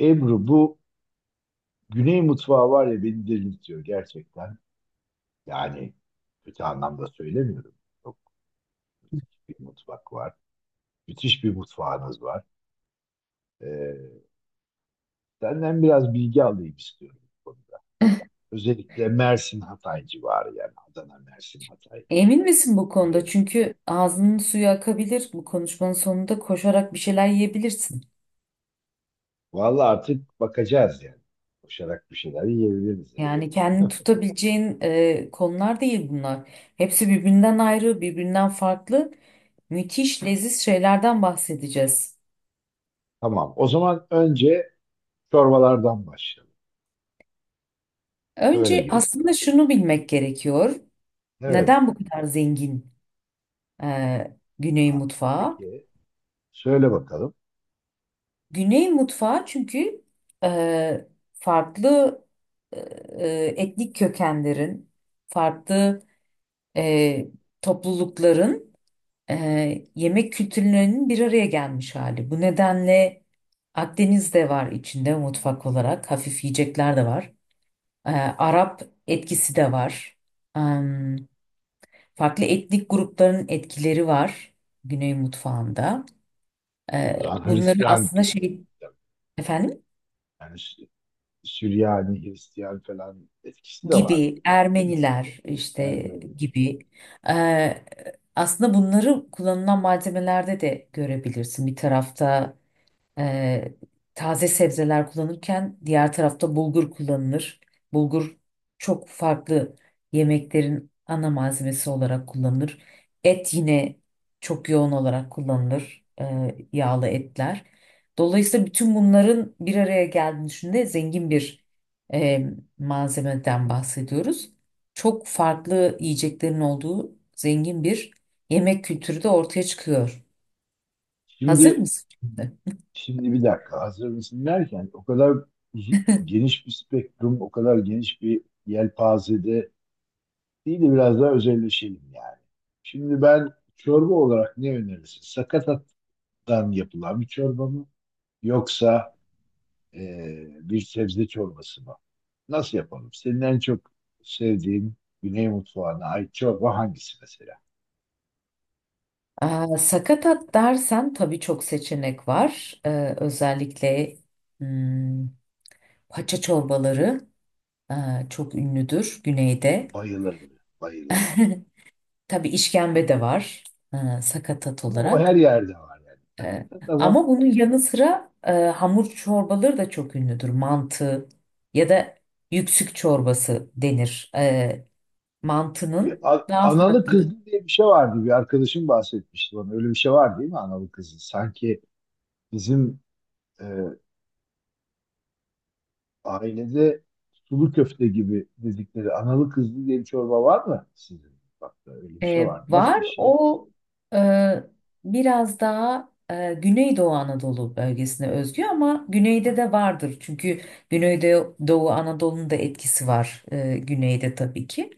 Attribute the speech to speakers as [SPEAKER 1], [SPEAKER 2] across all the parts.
[SPEAKER 1] Ebru, bu Güney mutfağı var ya, beni delirtiyor gerçekten. Yani kötü anlamda söylemiyorum. Çok müthiş bir mutfak var. Müthiş bir mutfağınız var. Ee, Senden biraz bilgi alayım istiyorum bu konuda. Özellikle Mersin Hatay civarı, yani Adana, Mersin, Hatay,
[SPEAKER 2] Emin misin bu konuda?
[SPEAKER 1] Güney.
[SPEAKER 2] Çünkü ağzının suyu akabilir. Bu konuşmanın sonunda koşarak bir şeyler yiyebilirsin.
[SPEAKER 1] Vallahi artık bakacağız yani. Koşarak bir şeyler yiyebiliriz yani.
[SPEAKER 2] Yani kendini tutabileceğin konular değil bunlar. Hepsi birbirinden ayrı, birbirinden farklı. Müthiş, leziz şeylerden bahsedeceğiz.
[SPEAKER 1] Tamam. O zaman önce çorbalardan başlayalım. Böyle
[SPEAKER 2] Önce
[SPEAKER 1] girelim.
[SPEAKER 2] aslında şunu bilmek gerekiyor.
[SPEAKER 1] Evet.
[SPEAKER 2] Neden bu kadar zengin Güney
[SPEAKER 1] Ha,
[SPEAKER 2] mutfağı?
[SPEAKER 1] peki. Söyle bakalım.
[SPEAKER 2] Güney mutfağı çünkü e, farklı e, etnik kökenlerin, farklı e, toplulukların yemek kültürlerinin bir araya gelmiş hali. Bu nedenle Akdeniz de var içinde mutfak olarak. Hafif yiyecekler de var. E, Arap etkisi de var. Em, Farklı etnik grupların etkileri var Güney mutfağında. E,
[SPEAKER 1] O zaman
[SPEAKER 2] Bunları
[SPEAKER 1] Hristiyan
[SPEAKER 2] aslında
[SPEAKER 1] kökenli.
[SPEAKER 2] şey efendim
[SPEAKER 1] Yani Süryani, Hristiyan falan etkisi de var.
[SPEAKER 2] gibi
[SPEAKER 1] Değil mi?
[SPEAKER 2] Ermeniler
[SPEAKER 1] Ermeni.
[SPEAKER 2] gibi e, aslında bunları kullanılan malzemelerde de görebilirsin. Bir tarafta Ee, taze sebzeler kullanırken diğer tarafta bulgur kullanılır. Bulgur çok farklı yemeklerin ana malzemesi olarak kullanılır. Et yine çok yoğun olarak kullanılır. Yağlı etler. Dolayısıyla bütün bunların bir araya geldiğini düşündüğünde zengin bir e, malzemeden bahsediyoruz. Çok farklı yiyeceklerin olduğu zengin bir yemek kültürü de ortaya çıkıyor. Hazır
[SPEAKER 1] Şimdi,
[SPEAKER 2] mısın şimdi?
[SPEAKER 1] şimdi, bir dakika, hazır mısın derken, o kadar uzu- geniş bir spektrum, o kadar geniş bir yelpazede değil de biraz daha özelleşelim yani. Şimdi ben çorba olarak ne önerirsin? Sakatattan yapılan bir çorba mı? Yoksa bir sebze çorbası mı? Nasıl yapalım? Senin en çok sevdiğin Güney mutfağına ait çorba hangisi mesela?
[SPEAKER 2] Sakatat dersen tabii çok seçenek var. Özellikle hmm, paça çorbaları e, çok ünlüdür güneyde.
[SPEAKER 1] Bayılırım, bayılırım.
[SPEAKER 2] Tabii işkembe de var, sakatat
[SPEAKER 1] Ama o her
[SPEAKER 2] olarak.
[SPEAKER 1] yerde var yani.
[SPEAKER 2] E,
[SPEAKER 1] Hakikaten ama
[SPEAKER 2] Ama bunun yanı sıra hamur çorbaları da çok ünlüdür. Mantı ya da yüksük çorbası denir. Mantının daha
[SPEAKER 1] analı
[SPEAKER 2] farklı.
[SPEAKER 1] kızlı diye bir şey vardı. Bir arkadaşım bahsetmişti bana. Öyle bir şey var değil mi, analı kızlı? Sanki bizim e, ailede sulu köfte gibi dedikleri analı kızlı diye bir çorba var mı sizin? Bak da, öyle bir şey var mı?
[SPEAKER 2] Var
[SPEAKER 1] Nasıl bir şey?
[SPEAKER 2] o, e, biraz daha Güneydoğu Anadolu bölgesine özgü ama güneyde de vardır. Çünkü Güneydoğu Anadolu'nun da etkisi var güneyde tabii ki.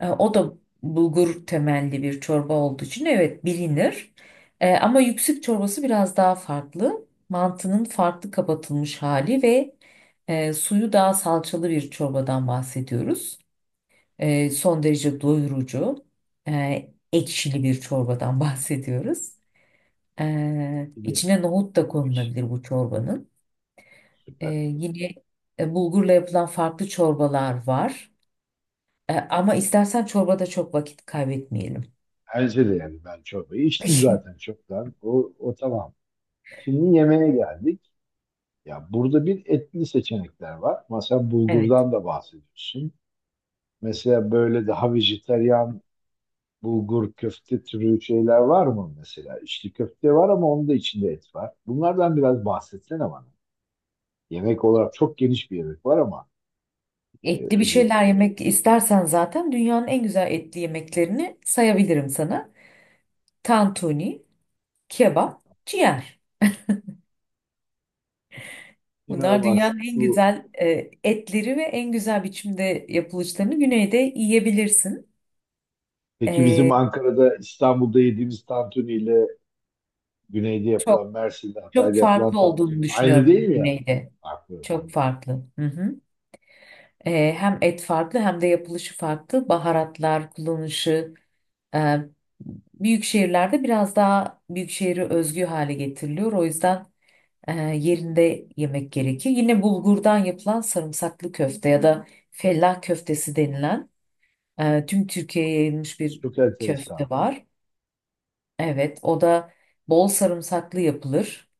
[SPEAKER 2] O da bulgur temelli bir çorba olduğu için evet bilinir. Ama yüksük çorbası biraz daha farklı. Mantının farklı kapatılmış hali ve suyu daha salçalı bir çorbadan bahsediyoruz. Son derece doyurucu, ekşili bir çorbadan bahsediyoruz.
[SPEAKER 1] Bir de-
[SPEAKER 2] İçine nohut da konulabilir bu çorbanın.
[SPEAKER 1] Süper.
[SPEAKER 2] Yine bulgurla yapılan farklı çorbalar var. Ama istersen çorbada çok vakit kaybetmeyelim.
[SPEAKER 1] Bence de, yani ben çorbayı içtim zaten çoktan. O, o tamam. Şimdi yemeğe geldik. Ya, burada bir etli seçenekler var. Mesela
[SPEAKER 2] Evet.
[SPEAKER 1] bulgurdan da bahsediyorsun. Mesela böyle daha vejetaryen bulgur köfte türü şeyler var mı mesela? İçli köfte var ama onun da içinde et var. Bunlardan biraz bahsetsene bana. Yemek olarak çok geniş bir yemek var ama e,
[SPEAKER 2] Etli bir şeyler
[SPEAKER 1] özellikle
[SPEAKER 2] yemek istersen zaten dünyanın en güzel etli yemeklerini sayabilirim sana. Tantuni, kebap, ciğer. Bunlar
[SPEAKER 1] inanılmaz.
[SPEAKER 2] dünyanın en güzel etleri ve en güzel biçimde yapılışlarını güneyde yiyebilirsin.
[SPEAKER 1] Peki bizim
[SPEAKER 2] E,
[SPEAKER 1] Ankara'da, İstanbul'da yediğimiz tantuniyle güneyde
[SPEAKER 2] çok
[SPEAKER 1] yapılan, Mersin'de,
[SPEAKER 2] çok
[SPEAKER 1] Hatay'da yapılan
[SPEAKER 2] farklı
[SPEAKER 1] tantuni
[SPEAKER 2] olduğunu
[SPEAKER 1] aynı değil
[SPEAKER 2] düşünüyorum
[SPEAKER 1] mi yani?
[SPEAKER 2] güneyde.
[SPEAKER 1] Farklı.
[SPEAKER 2] Çok farklı. Hı hı. Hem et farklı hem de yapılışı farklı. Baharatlar kullanışı, e, büyük şehirlerde biraz daha büyük şehri özgü hale getiriliyor. O yüzden yerinde yemek gerekiyor. Yine bulgurdan yapılan sarımsaklı köfte ya da fellah köftesi denilen, tüm Türkiye'ye yayılmış bir
[SPEAKER 1] Çok enteresan.
[SPEAKER 2] köfte var. Evet, o da bol sarımsaklı yapılır.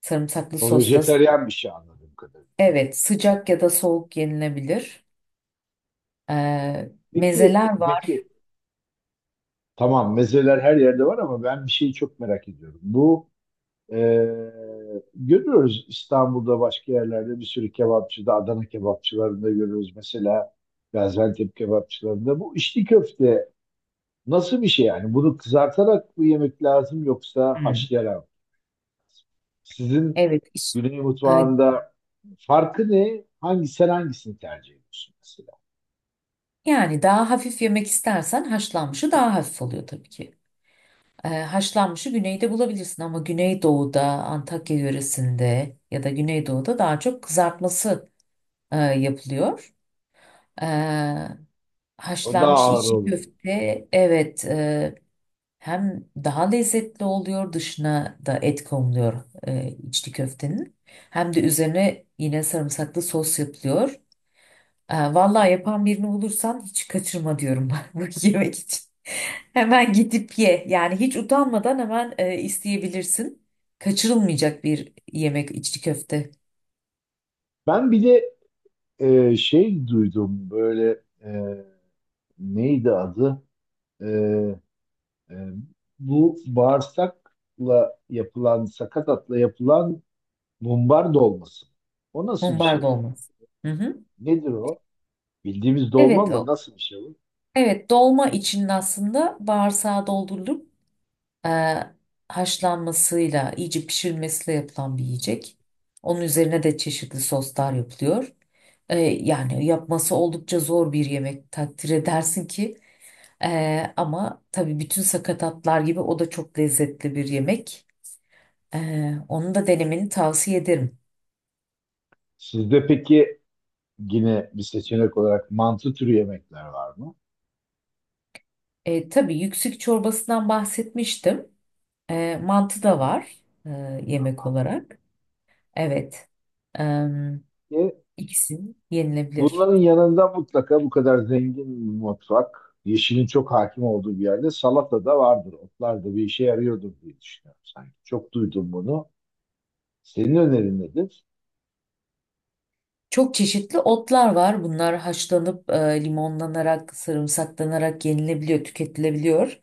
[SPEAKER 2] Sarımsaklı
[SPEAKER 1] O
[SPEAKER 2] sosta
[SPEAKER 1] vejeteryan bir şey anladığım kadarıyla.
[SPEAKER 2] evet, sıcak ya da soğuk yenilebilir. Ee,
[SPEAKER 1] Peki,
[SPEAKER 2] Mezeler var.
[SPEAKER 1] peki, tamam, mezeler her yerde var ama ben bir şeyi çok merak ediyorum. E, görüyoruz, İstanbul'da, başka yerlerde, bir sürü kebapçıda, Adana kebapçılarında görüyoruz, mesela Gaziantep kebapçılarında. Bu içli köfte nasıl bir şey yani? Bunu kızartarak mı yemek lazım, yoksa
[SPEAKER 2] Hmm,
[SPEAKER 1] haşlayarak mı? Sizin
[SPEAKER 2] Evet, iş-
[SPEAKER 1] Güney
[SPEAKER 2] Ee,
[SPEAKER 1] mutfağında farkı ne? Sen hangisini tercih ediyorsun mesela?
[SPEAKER 2] Yani daha hafif yemek istersen haşlanmışı daha hafif oluyor tabii ki. Haşlanmışı güneyde bulabilirsin ama güneydoğuda, Antakya yöresinde ya da güneydoğuda daha çok kızartması yapılıyor.
[SPEAKER 1] O daha
[SPEAKER 2] Haşlanmış
[SPEAKER 1] ağır
[SPEAKER 2] içi
[SPEAKER 1] olur.
[SPEAKER 2] köfte evet, hem daha lezzetli oluyor, dışına da et konuluyor içli köftenin, hem de üzerine yine sarımsaklı sos yapılıyor. Vallahi yapan birini bulursan hiç kaçırma diyorum bak, bu yemek için. Hemen gidip ye yani, hiç utanmadan hemen isteyebilirsin. Kaçırılmayacak bir yemek içli köfte.
[SPEAKER 1] Ben bir de şey duydum, neydi adı? E, e, Bu bağırsakla yapılan, sakatatla yapılan mumbar dolması. O nasıl bir
[SPEAKER 2] Mumbar
[SPEAKER 1] şey?
[SPEAKER 2] dolması. Hı hı.
[SPEAKER 1] Nedir o? Bildiğimiz dolma
[SPEAKER 2] Evet,
[SPEAKER 1] mı?
[SPEAKER 2] o.
[SPEAKER 1] Nasıl bir şey bu?
[SPEAKER 2] Evet, dolma için aslında bağırsağı doldurulur. e, Haşlanmasıyla, iyice pişirilmesiyle yapılan bir yiyecek. Onun üzerine de çeşitli soslar yapılıyor. Yani yapması oldukça zor bir yemek, takdir edersin ki. Ama tabii bütün sakatatlar gibi o da çok lezzetli bir yemek. E, Onu da denemeni tavsiye ederim.
[SPEAKER 1] Sizde peki yine bir seçenek olarak mantı türü yemekler var mı?
[SPEAKER 2] Tabii yüksük çorbasından bahsetmiştim. Mantı da var e, yemek olarak. Evet. E,
[SPEAKER 1] Evet.
[SPEAKER 2] ikisi yenilebilir.
[SPEAKER 1] Bunların yanında mutlaka, bu kadar zengin bir mutfak, yeşilin çok hakim olduğu bir yerde salata da vardır. Otlar da bir işe yarıyordur diye düşünüyorum sanki. Çok duydum bunu. Senin önerin nedir?
[SPEAKER 2] Çok çeşitli otlar var. Bunlar haşlanıp limonlanarak, sarımsaklanarak yenilebiliyor, tüketilebiliyor.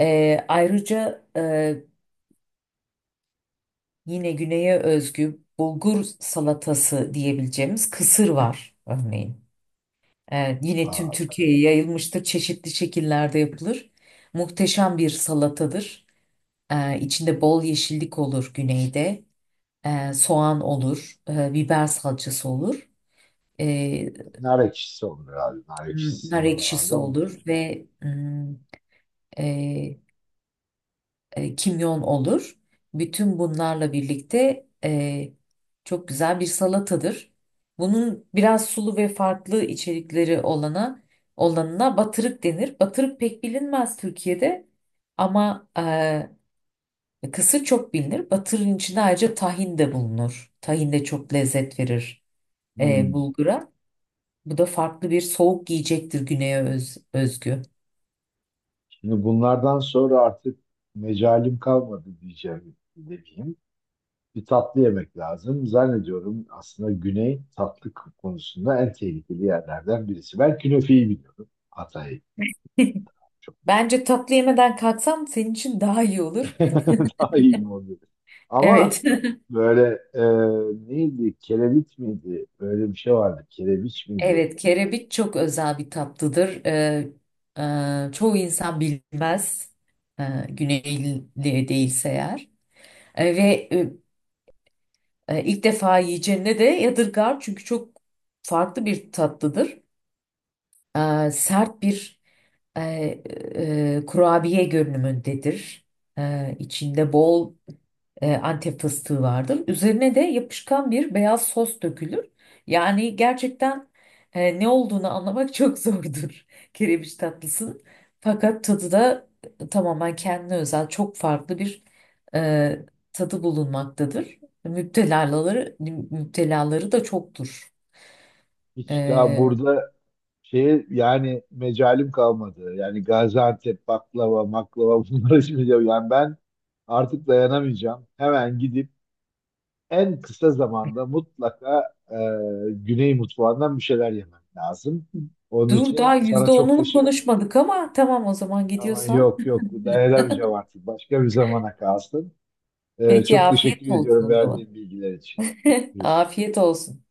[SPEAKER 2] Ayrıca yine güneye özgü bulgur salatası diyebileceğimiz kısır var örneğin. Yine tüm
[SPEAKER 1] Aa, tabii.
[SPEAKER 2] Türkiye'ye yayılmıştır. Çeşitli şekillerde yapılır. Muhteşem bir salatadır. İçinde bol yeşillik olur güneyde. Soğan olur, biber salçası olur. E,
[SPEAKER 1] Nar ekşisi olur herhalde. Nar
[SPEAKER 2] Nar
[SPEAKER 1] ekşisinin
[SPEAKER 2] ekşisi
[SPEAKER 1] oralarda
[SPEAKER 2] olur
[SPEAKER 1] muhteşem.
[SPEAKER 2] ve e, kimyon olur. Bütün bunlarla birlikte çok güzel bir salatadır. Bunun biraz sulu ve farklı içerikleri olanına batırık denir. Batırık pek bilinmez Türkiye'de, ama kısır çok bilinir. Batırın içinde ayrıca tahin de bulunur. Tahin de çok lezzet verir
[SPEAKER 1] Hmm.
[SPEAKER 2] bulgura. Bu da farklı bir soğuk yiyecektir güneye özgü.
[SPEAKER 1] Şimdi bunlardan sonra artık mecalim kalmadı diyeceğim. Demeyeyim. Bir tatlı yemek lazım. Zannediyorum aslında Güney, tatlı konusunda en tehlikeli yerlerden birisi. Ben künefeyi biliyorum. Hatay çok meşhur.
[SPEAKER 2] Bence tatlı yemeden kalksam senin için daha iyi olur.
[SPEAKER 1] Daha iyi mi oldu? Ama
[SPEAKER 2] Evet.
[SPEAKER 1] böyle e, neydi? Kereviç miydi? Böyle bir şey vardı. Kereviç miydi?
[SPEAKER 2] Evet, kerebit çok özel bir tatlıdır. Çoğu insan bilmez. Güneyli değilse eğer. Ee, ve e, ilk defa yiyeceğine de yadırgar çünkü çok farklı bir tatlıdır. Sert bir e, kurabiye görünümündedir. İçinde bol Antep fıstığı vardır. Üzerine de yapışkan bir beyaz sos dökülür. Yani gerçekten ne olduğunu anlamak çok zordur kerebiç tatlısının. Fakat tadı da tamamen kendine özel çok farklı bir e, tadı bulunmaktadır. Müptelaları, müptelaları da çoktur.
[SPEAKER 1] Hiç daha
[SPEAKER 2] E,
[SPEAKER 1] burada yani mecalim kalmadı. Yani Gaziantep baklava, maklava bunları içmeyeceğim. Yani ben artık dayanamayacağım. Hemen gidip en kısa zamanda mutlaka Güney mutfağından bir şeyler yemem lazım. Onun
[SPEAKER 2] Dur,
[SPEAKER 1] için
[SPEAKER 2] daha
[SPEAKER 1] sana
[SPEAKER 2] yüzde
[SPEAKER 1] çok
[SPEAKER 2] onunu
[SPEAKER 1] teşekkür.
[SPEAKER 2] konuşmadık ama tamam, o zaman
[SPEAKER 1] Ama
[SPEAKER 2] gidiyorsan.
[SPEAKER 1] yok yok, dayanamayacağım artık. Başka bir zamana kalsın.
[SPEAKER 2] Peki,
[SPEAKER 1] Çok
[SPEAKER 2] afiyet
[SPEAKER 1] teşekkür
[SPEAKER 2] olsun
[SPEAKER 1] ediyorum
[SPEAKER 2] o zaman.
[SPEAKER 1] verdiğin bilgiler için. Görüşürüz.
[SPEAKER 2] Afiyet olsun.